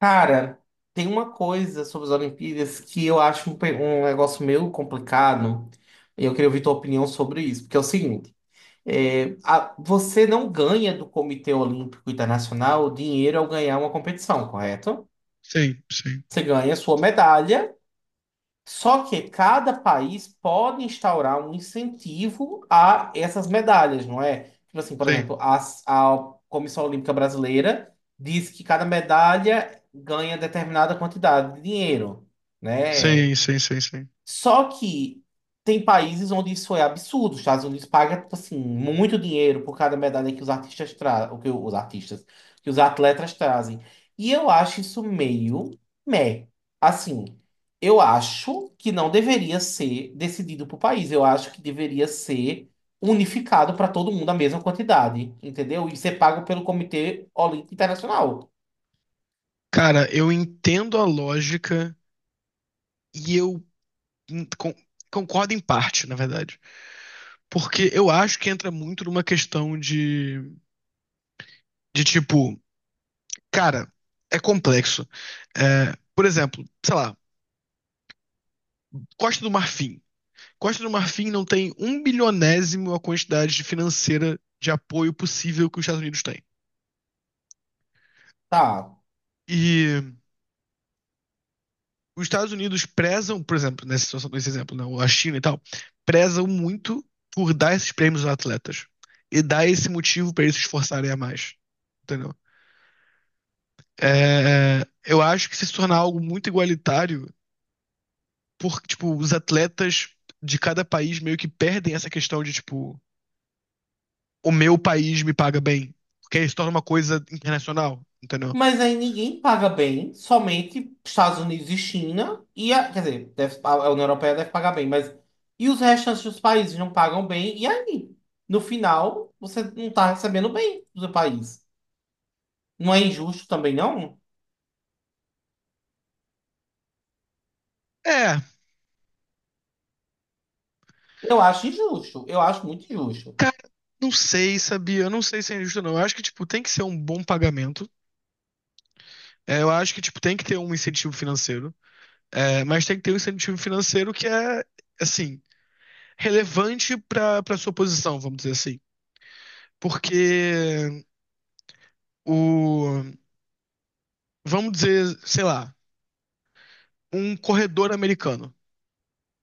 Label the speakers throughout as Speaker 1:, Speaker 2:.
Speaker 1: Cara, tem uma coisa sobre as Olimpíadas que eu acho um negócio meio complicado e eu queria ouvir tua opinião sobre isso, porque é o seguinte, você não ganha do Comitê Olímpico Internacional dinheiro ao ganhar uma competição, correto?
Speaker 2: Sim, sim,
Speaker 1: Você ganha sua medalha, só que cada país pode instaurar um incentivo a essas medalhas, não é? Tipo assim, por
Speaker 2: sim,
Speaker 1: exemplo, a Comissão Olímpica Brasileira diz que cada medalha ganha determinada quantidade de dinheiro, né?
Speaker 2: sim.
Speaker 1: Só que tem países onde isso é absurdo. Os Estados Unidos paga, tipo assim, muito dinheiro por cada medalha que os artistas trazem, o que que os atletas trazem. E eu acho isso meio meh. Assim, eu acho que não deveria ser decidido por país. Eu acho que deveria ser unificado para todo mundo a mesma quantidade, entendeu? E ser pago pelo Comitê Olímpico Internacional.
Speaker 2: Cara, eu entendo a lógica e eu hum, con- concordo em parte, na verdade. Porque eu acho que entra muito numa questão de, tipo, cara, é complexo. É, por exemplo, sei lá, Costa do Marfim. Costa do Marfim não tem um bilionésimo a quantidade de financeira de apoio possível que os Estados Unidos têm.
Speaker 1: Tá.
Speaker 2: E os Estados Unidos prezam, por exemplo, nessa situação, nesse exemplo, não, a China e tal, prezam muito por dar esses prêmios aos atletas e dar esse motivo para eles se esforçarem a mais, entendeu? Eu acho que se tornar algo muito igualitário, porque, tipo, os atletas de cada país meio que perdem essa questão de, tipo, o meu país me paga bem, porque aí se torna uma coisa internacional, entendeu?
Speaker 1: Mas aí ninguém paga bem, somente Estados Unidos e China, e quer dizer, a União Europeia deve pagar bem, mas e os restantes dos países não pagam bem, e aí? No final, você não está recebendo bem do seu país. Não é injusto também, não?
Speaker 2: É,
Speaker 1: Eu acho injusto, eu acho muito injusto.
Speaker 2: cara, não sei, sabia? Eu não sei se é injusto, não. Eu acho que, tipo, tem que ser um bom pagamento. É, eu acho que, tipo, tem que ter um incentivo financeiro, é, mas tem que ter um incentivo financeiro que é, assim, relevante para sua posição, vamos dizer assim. Porque o, vamos dizer, sei lá, um corredor americano.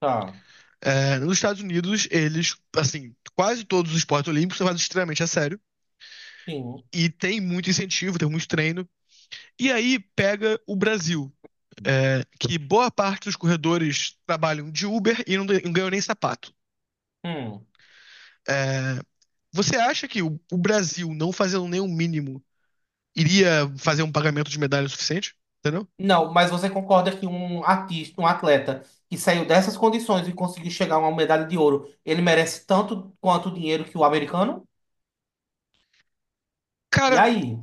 Speaker 1: Tá,
Speaker 2: É, nos Estados Unidos, eles, assim, quase todos os esportes olímpicos são levados extremamente a sério.
Speaker 1: sim.
Speaker 2: E tem muito incentivo, tem muito treino. E aí pega o Brasil, é, que boa parte dos corredores trabalham de Uber e não ganham nem sapato.
Speaker 1: Hum.
Speaker 2: É, você acha que o Brasil, não fazendo nem o mínimo, iria fazer um pagamento de medalha suficiente? Entendeu?
Speaker 1: Não, mas você concorda que um artista, um atleta que saiu dessas condições e conseguiu chegar a uma medalha de ouro, ele merece tanto quanto o dinheiro que o americano? E
Speaker 2: Cara,
Speaker 1: aí?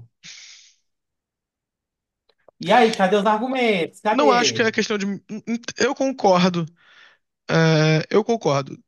Speaker 1: E aí, cadê os argumentos?
Speaker 2: não acho que é
Speaker 1: Cadê?
Speaker 2: questão de. Eu concordo. É, eu concordo.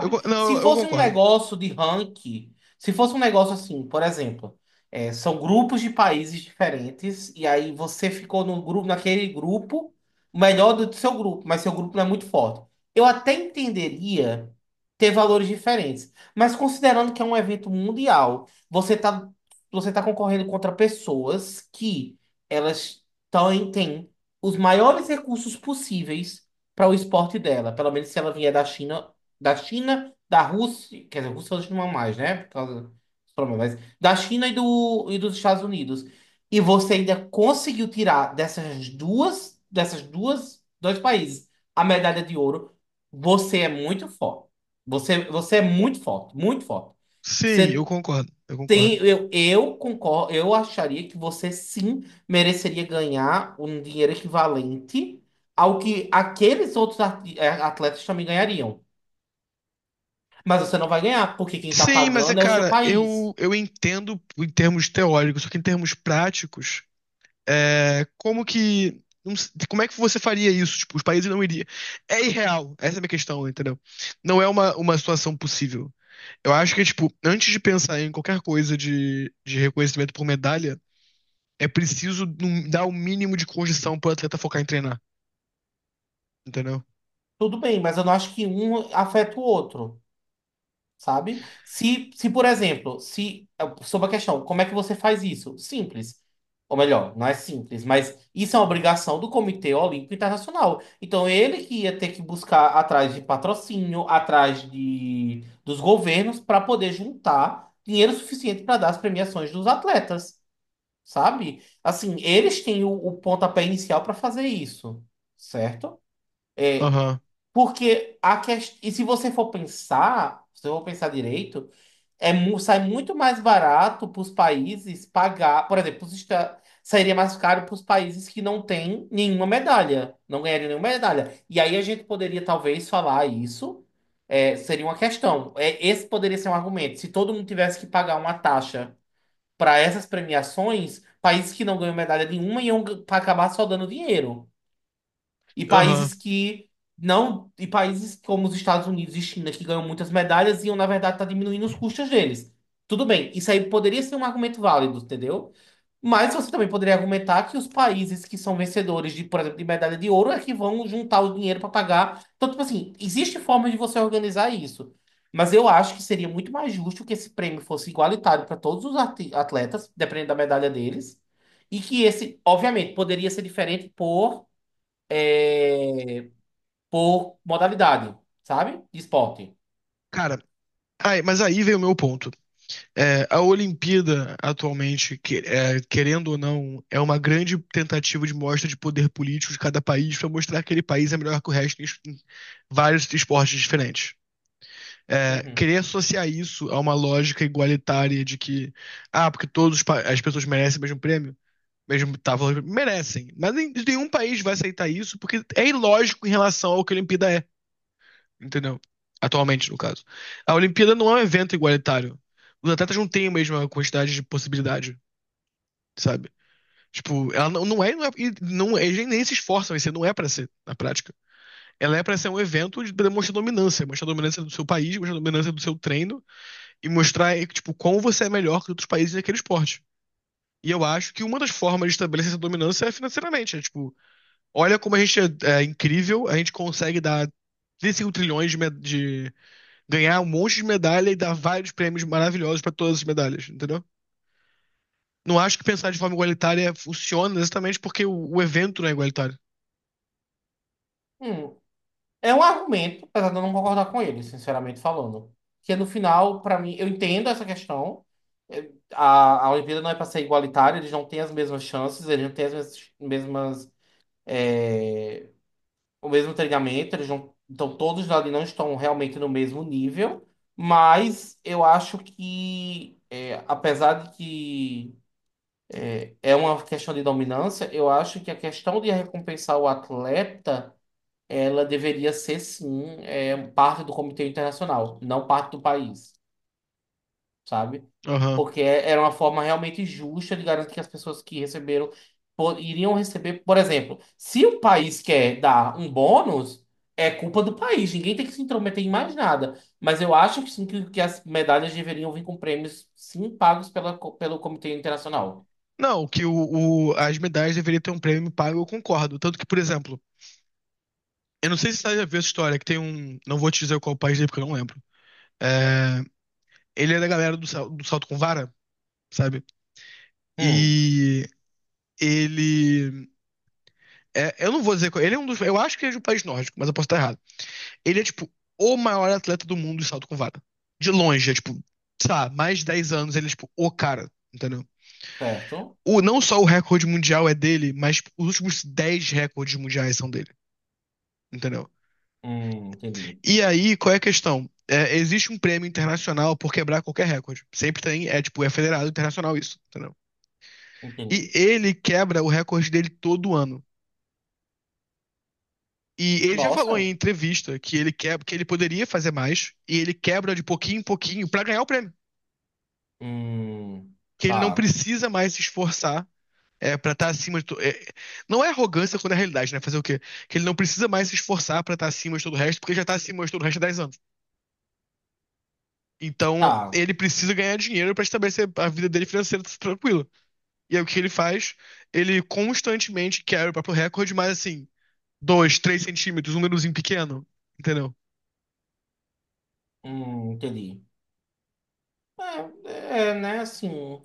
Speaker 2: Eu con- não,
Speaker 1: Se
Speaker 2: eu
Speaker 1: fosse um
Speaker 2: concordo.
Speaker 1: negócio de ranking, se fosse um negócio assim, por exemplo, é, são grupos de países diferentes, e aí você ficou no grupo, naquele grupo, o melhor do seu grupo, mas seu grupo não é muito forte. Eu até entenderia ter valores diferentes, mas considerando que é um evento mundial, você tá concorrendo contra pessoas que elas têm os maiores recursos possíveis para o esporte dela, pelo menos se ela vier da China, da Rússia, quer dizer, a Rússia hoje não é mais, né? Por causa dos problemas, mas da China e dos Estados Unidos. E você ainda conseguiu tirar dessas duas, dois países a medalha de ouro. Você é muito forte. Você é muito forte, muito forte.
Speaker 2: Sim, eu
Speaker 1: Você
Speaker 2: concordo. Eu
Speaker 1: tem,
Speaker 2: concordo.
Speaker 1: eu concordo, eu acharia que você sim mereceria ganhar um dinheiro equivalente ao que aqueles atletas também ganhariam. Mas você não vai ganhar, porque quem tá
Speaker 2: Sim, mas é,
Speaker 1: pagando é o seu
Speaker 2: cara,
Speaker 1: país.
Speaker 2: eu entendo em termos teóricos, só que em termos práticos, é, como que. Não s- Como é que você faria isso? Tipo, os países não iriam. É irreal, essa é a minha questão, entendeu? Não é uma situação possível. Eu acho que, tipo, antes de pensar em qualquer coisa de reconhecimento por medalha, é preciso dar o mínimo de condição pro atleta focar em treinar, entendeu?
Speaker 1: Tudo bem, mas eu não acho que um afeta o outro, sabe? Se por exemplo, se é, sobre a questão, como é que você faz isso? Simples. Ou melhor, não é simples, mas isso é uma obrigação do Comitê Olímpico Internacional. Então, ele que ia ter que buscar atrás de patrocínio, dos governos, para poder juntar dinheiro suficiente para dar as premiações dos atletas. Sabe? Assim, eles têm o pontapé inicial para fazer isso, certo?
Speaker 2: Aham,
Speaker 1: Porque a questão. E se você for pensar, se eu for pensar direito, sai muito mais barato para os países pagar. Por exemplo, sairia mais caro para os países que não têm nenhuma medalha, não ganhariam nenhuma medalha. E aí a gente poderia talvez falar isso. é, seria uma questão. É, esse poderia ser um argumento. Se todo mundo tivesse que pagar uma taxa para essas premiações, países que não ganham medalha nenhuma iam acabar só dando dinheiro. E
Speaker 2: aham.
Speaker 1: países que não, e países como os Estados Unidos e China, que ganham muitas medalhas, iam, na verdade, estar diminuindo os custos deles. Tudo bem, isso aí poderia ser um argumento válido, entendeu? Mas você também poderia argumentar que os países que são vencedores de, por exemplo, de medalha de ouro é que vão juntar o dinheiro para pagar. Então, tipo assim, existe forma de você organizar isso. Mas eu acho que seria muito mais justo que esse prêmio fosse igualitário para todos os atletas, dependendo da medalha deles. E que esse, obviamente, poderia ser diferente por, é, por modalidade, sabe? De esporte.
Speaker 2: Cara, aí, mas aí vem o meu ponto. É, a Olimpíada, atualmente, é, querendo ou não, é uma grande tentativa de mostra de poder político de cada país pra mostrar que aquele país é melhor que o resto em vários esportes diferentes. É,
Speaker 1: Uhum.
Speaker 2: querer associar isso a uma lógica igualitária de que, ah, porque todos as pessoas merecem o mesmo prêmio. Mesmo tábuas merecem. Mas nenhum país vai aceitar isso porque é ilógico em relação ao que a Olimpíada é, entendeu? Atualmente, no caso. A Olimpíada não é um evento igualitário. Os atletas não têm a mesma quantidade de possibilidade, sabe? Tipo, ela não, não é, não é, e não, é, eles nem se esforçam em ser, não é pra ser, na prática. Ela é pra ser um evento de demonstrar dominância, mostrar a dominância do seu país, mostrar a dominância do seu treino e mostrar, tipo, como você é melhor que outros países naquele esporte. E eu acho que uma das formas de estabelecer essa dominância é financeiramente, é tipo, olha como a gente é incrível, a gente consegue dar 35 trilhões de ganhar um monte de medalha e dar vários prêmios maravilhosos pra todas as medalhas, entendeu? Não acho que pensar de forma igualitária funciona exatamente porque o evento não é igualitário.
Speaker 1: Hum. É um argumento, apesar de eu não concordar com ele, sinceramente falando. Que é, no final, para mim, eu entendo essa questão. A Olimpíada não é para ser igualitária, eles não têm as mesmas chances, eles não têm mesmas, é, o mesmo treinamento, eles não, então todos ali não estão realmente no mesmo nível. Mas eu acho que, é, apesar de que é uma questão de dominância, eu acho que a questão de recompensar o atleta ela deveria ser sim, é, parte do Comitê Internacional, não parte do país, sabe?
Speaker 2: Aham.
Speaker 1: Porque é, era uma forma realmente justa de garantir que as pessoas que receberam iriam receber, por exemplo, se o país quer dar um bônus, é culpa do país, ninguém tem que se intrometer em mais nada. Mas eu acho que sim que as medalhas deveriam vir com prêmios sim pagos pelo Comitê Internacional.
Speaker 2: Não, que as medalhas deveriam ter um prêmio pago, eu concordo. Tanto que, por exemplo, eu não sei se você já viu essa história, que tem um. Não vou te dizer qual país é, porque eu não lembro. É, ele é da galera do, do salto com vara, sabe?
Speaker 1: Hum,
Speaker 2: E ele É, eu não vou dizer. Ele é um dos. Eu acho que ele é de um país nórdico, mas eu posso estar errado. Ele é, tipo, o maior atleta do mundo de salto com vara. De longe, é, tipo, sabe? Mais de 10 anos ele é, tipo, o cara, entendeu?
Speaker 1: certo?
Speaker 2: O, não só o recorde mundial é dele, mas tipo, os últimos 10 recordes mundiais são dele, entendeu?
Speaker 1: Entendi,
Speaker 2: E aí, qual é a questão? É, existe um prêmio internacional por quebrar qualquer recorde. Sempre tem, é, tipo, é federado internacional isso, entendeu? E
Speaker 1: entendi.
Speaker 2: ele quebra o recorde dele todo ano. E ele já falou em
Speaker 1: Nossa.
Speaker 2: entrevista que ele quer, que ele poderia fazer mais e ele quebra de pouquinho em pouquinho pra ganhar o prêmio,
Speaker 1: Hum,
Speaker 2: que ele não
Speaker 1: tá.
Speaker 2: precisa mais se esforçar é, para estar acima de to... é, não é arrogância quando é realidade, né? Fazer o quê? Que ele não precisa mais se esforçar para estar acima de todo o resto, porque já está acima de todo o resto há 10 anos. Então,
Speaker 1: Tá.
Speaker 2: ele precisa ganhar dinheiro para estabelecer a vida dele financeira tranquila. E aí o que ele faz? Ele constantemente quebra o próprio recorde, mas assim, 2, 3 centímetros, um númerozinho pequeno, entendeu?
Speaker 1: Entendi. É, é, né, assim,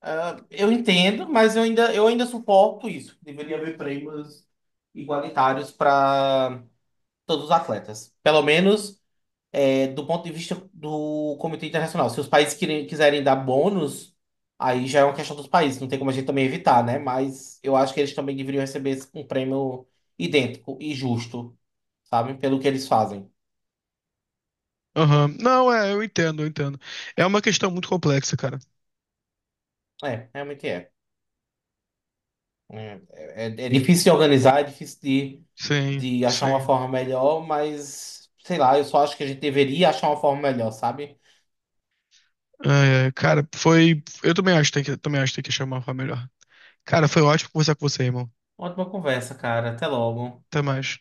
Speaker 1: ah, eu entendo, mas eu ainda suporto isso. Deveria haver prêmios igualitários para todos os atletas. Pelo menos é, do ponto de vista do Comitê Internacional. Se os países quiserem dar bônus, aí já é uma questão dos países, não tem como a gente também evitar, né? Mas eu acho que eles também deveriam receber um prêmio idêntico e justo, sabe? Pelo que eles fazem.
Speaker 2: Aham. Não, é, eu entendo, eu entendo. É uma questão muito complexa, cara.
Speaker 1: É, realmente é. É difícil de organizar, é difícil
Speaker 2: Sim,
Speaker 1: de achar uma
Speaker 2: sim.
Speaker 1: forma melhor, mas sei lá, eu só acho que a gente deveria achar uma forma melhor, sabe?
Speaker 2: É, é, cara, foi. Eu também acho que tem que, também acho que tem que chamar uma melhor. Cara, foi ótimo conversar com você, irmão.
Speaker 1: Ótima conversa, cara. Até logo.
Speaker 2: Até mais.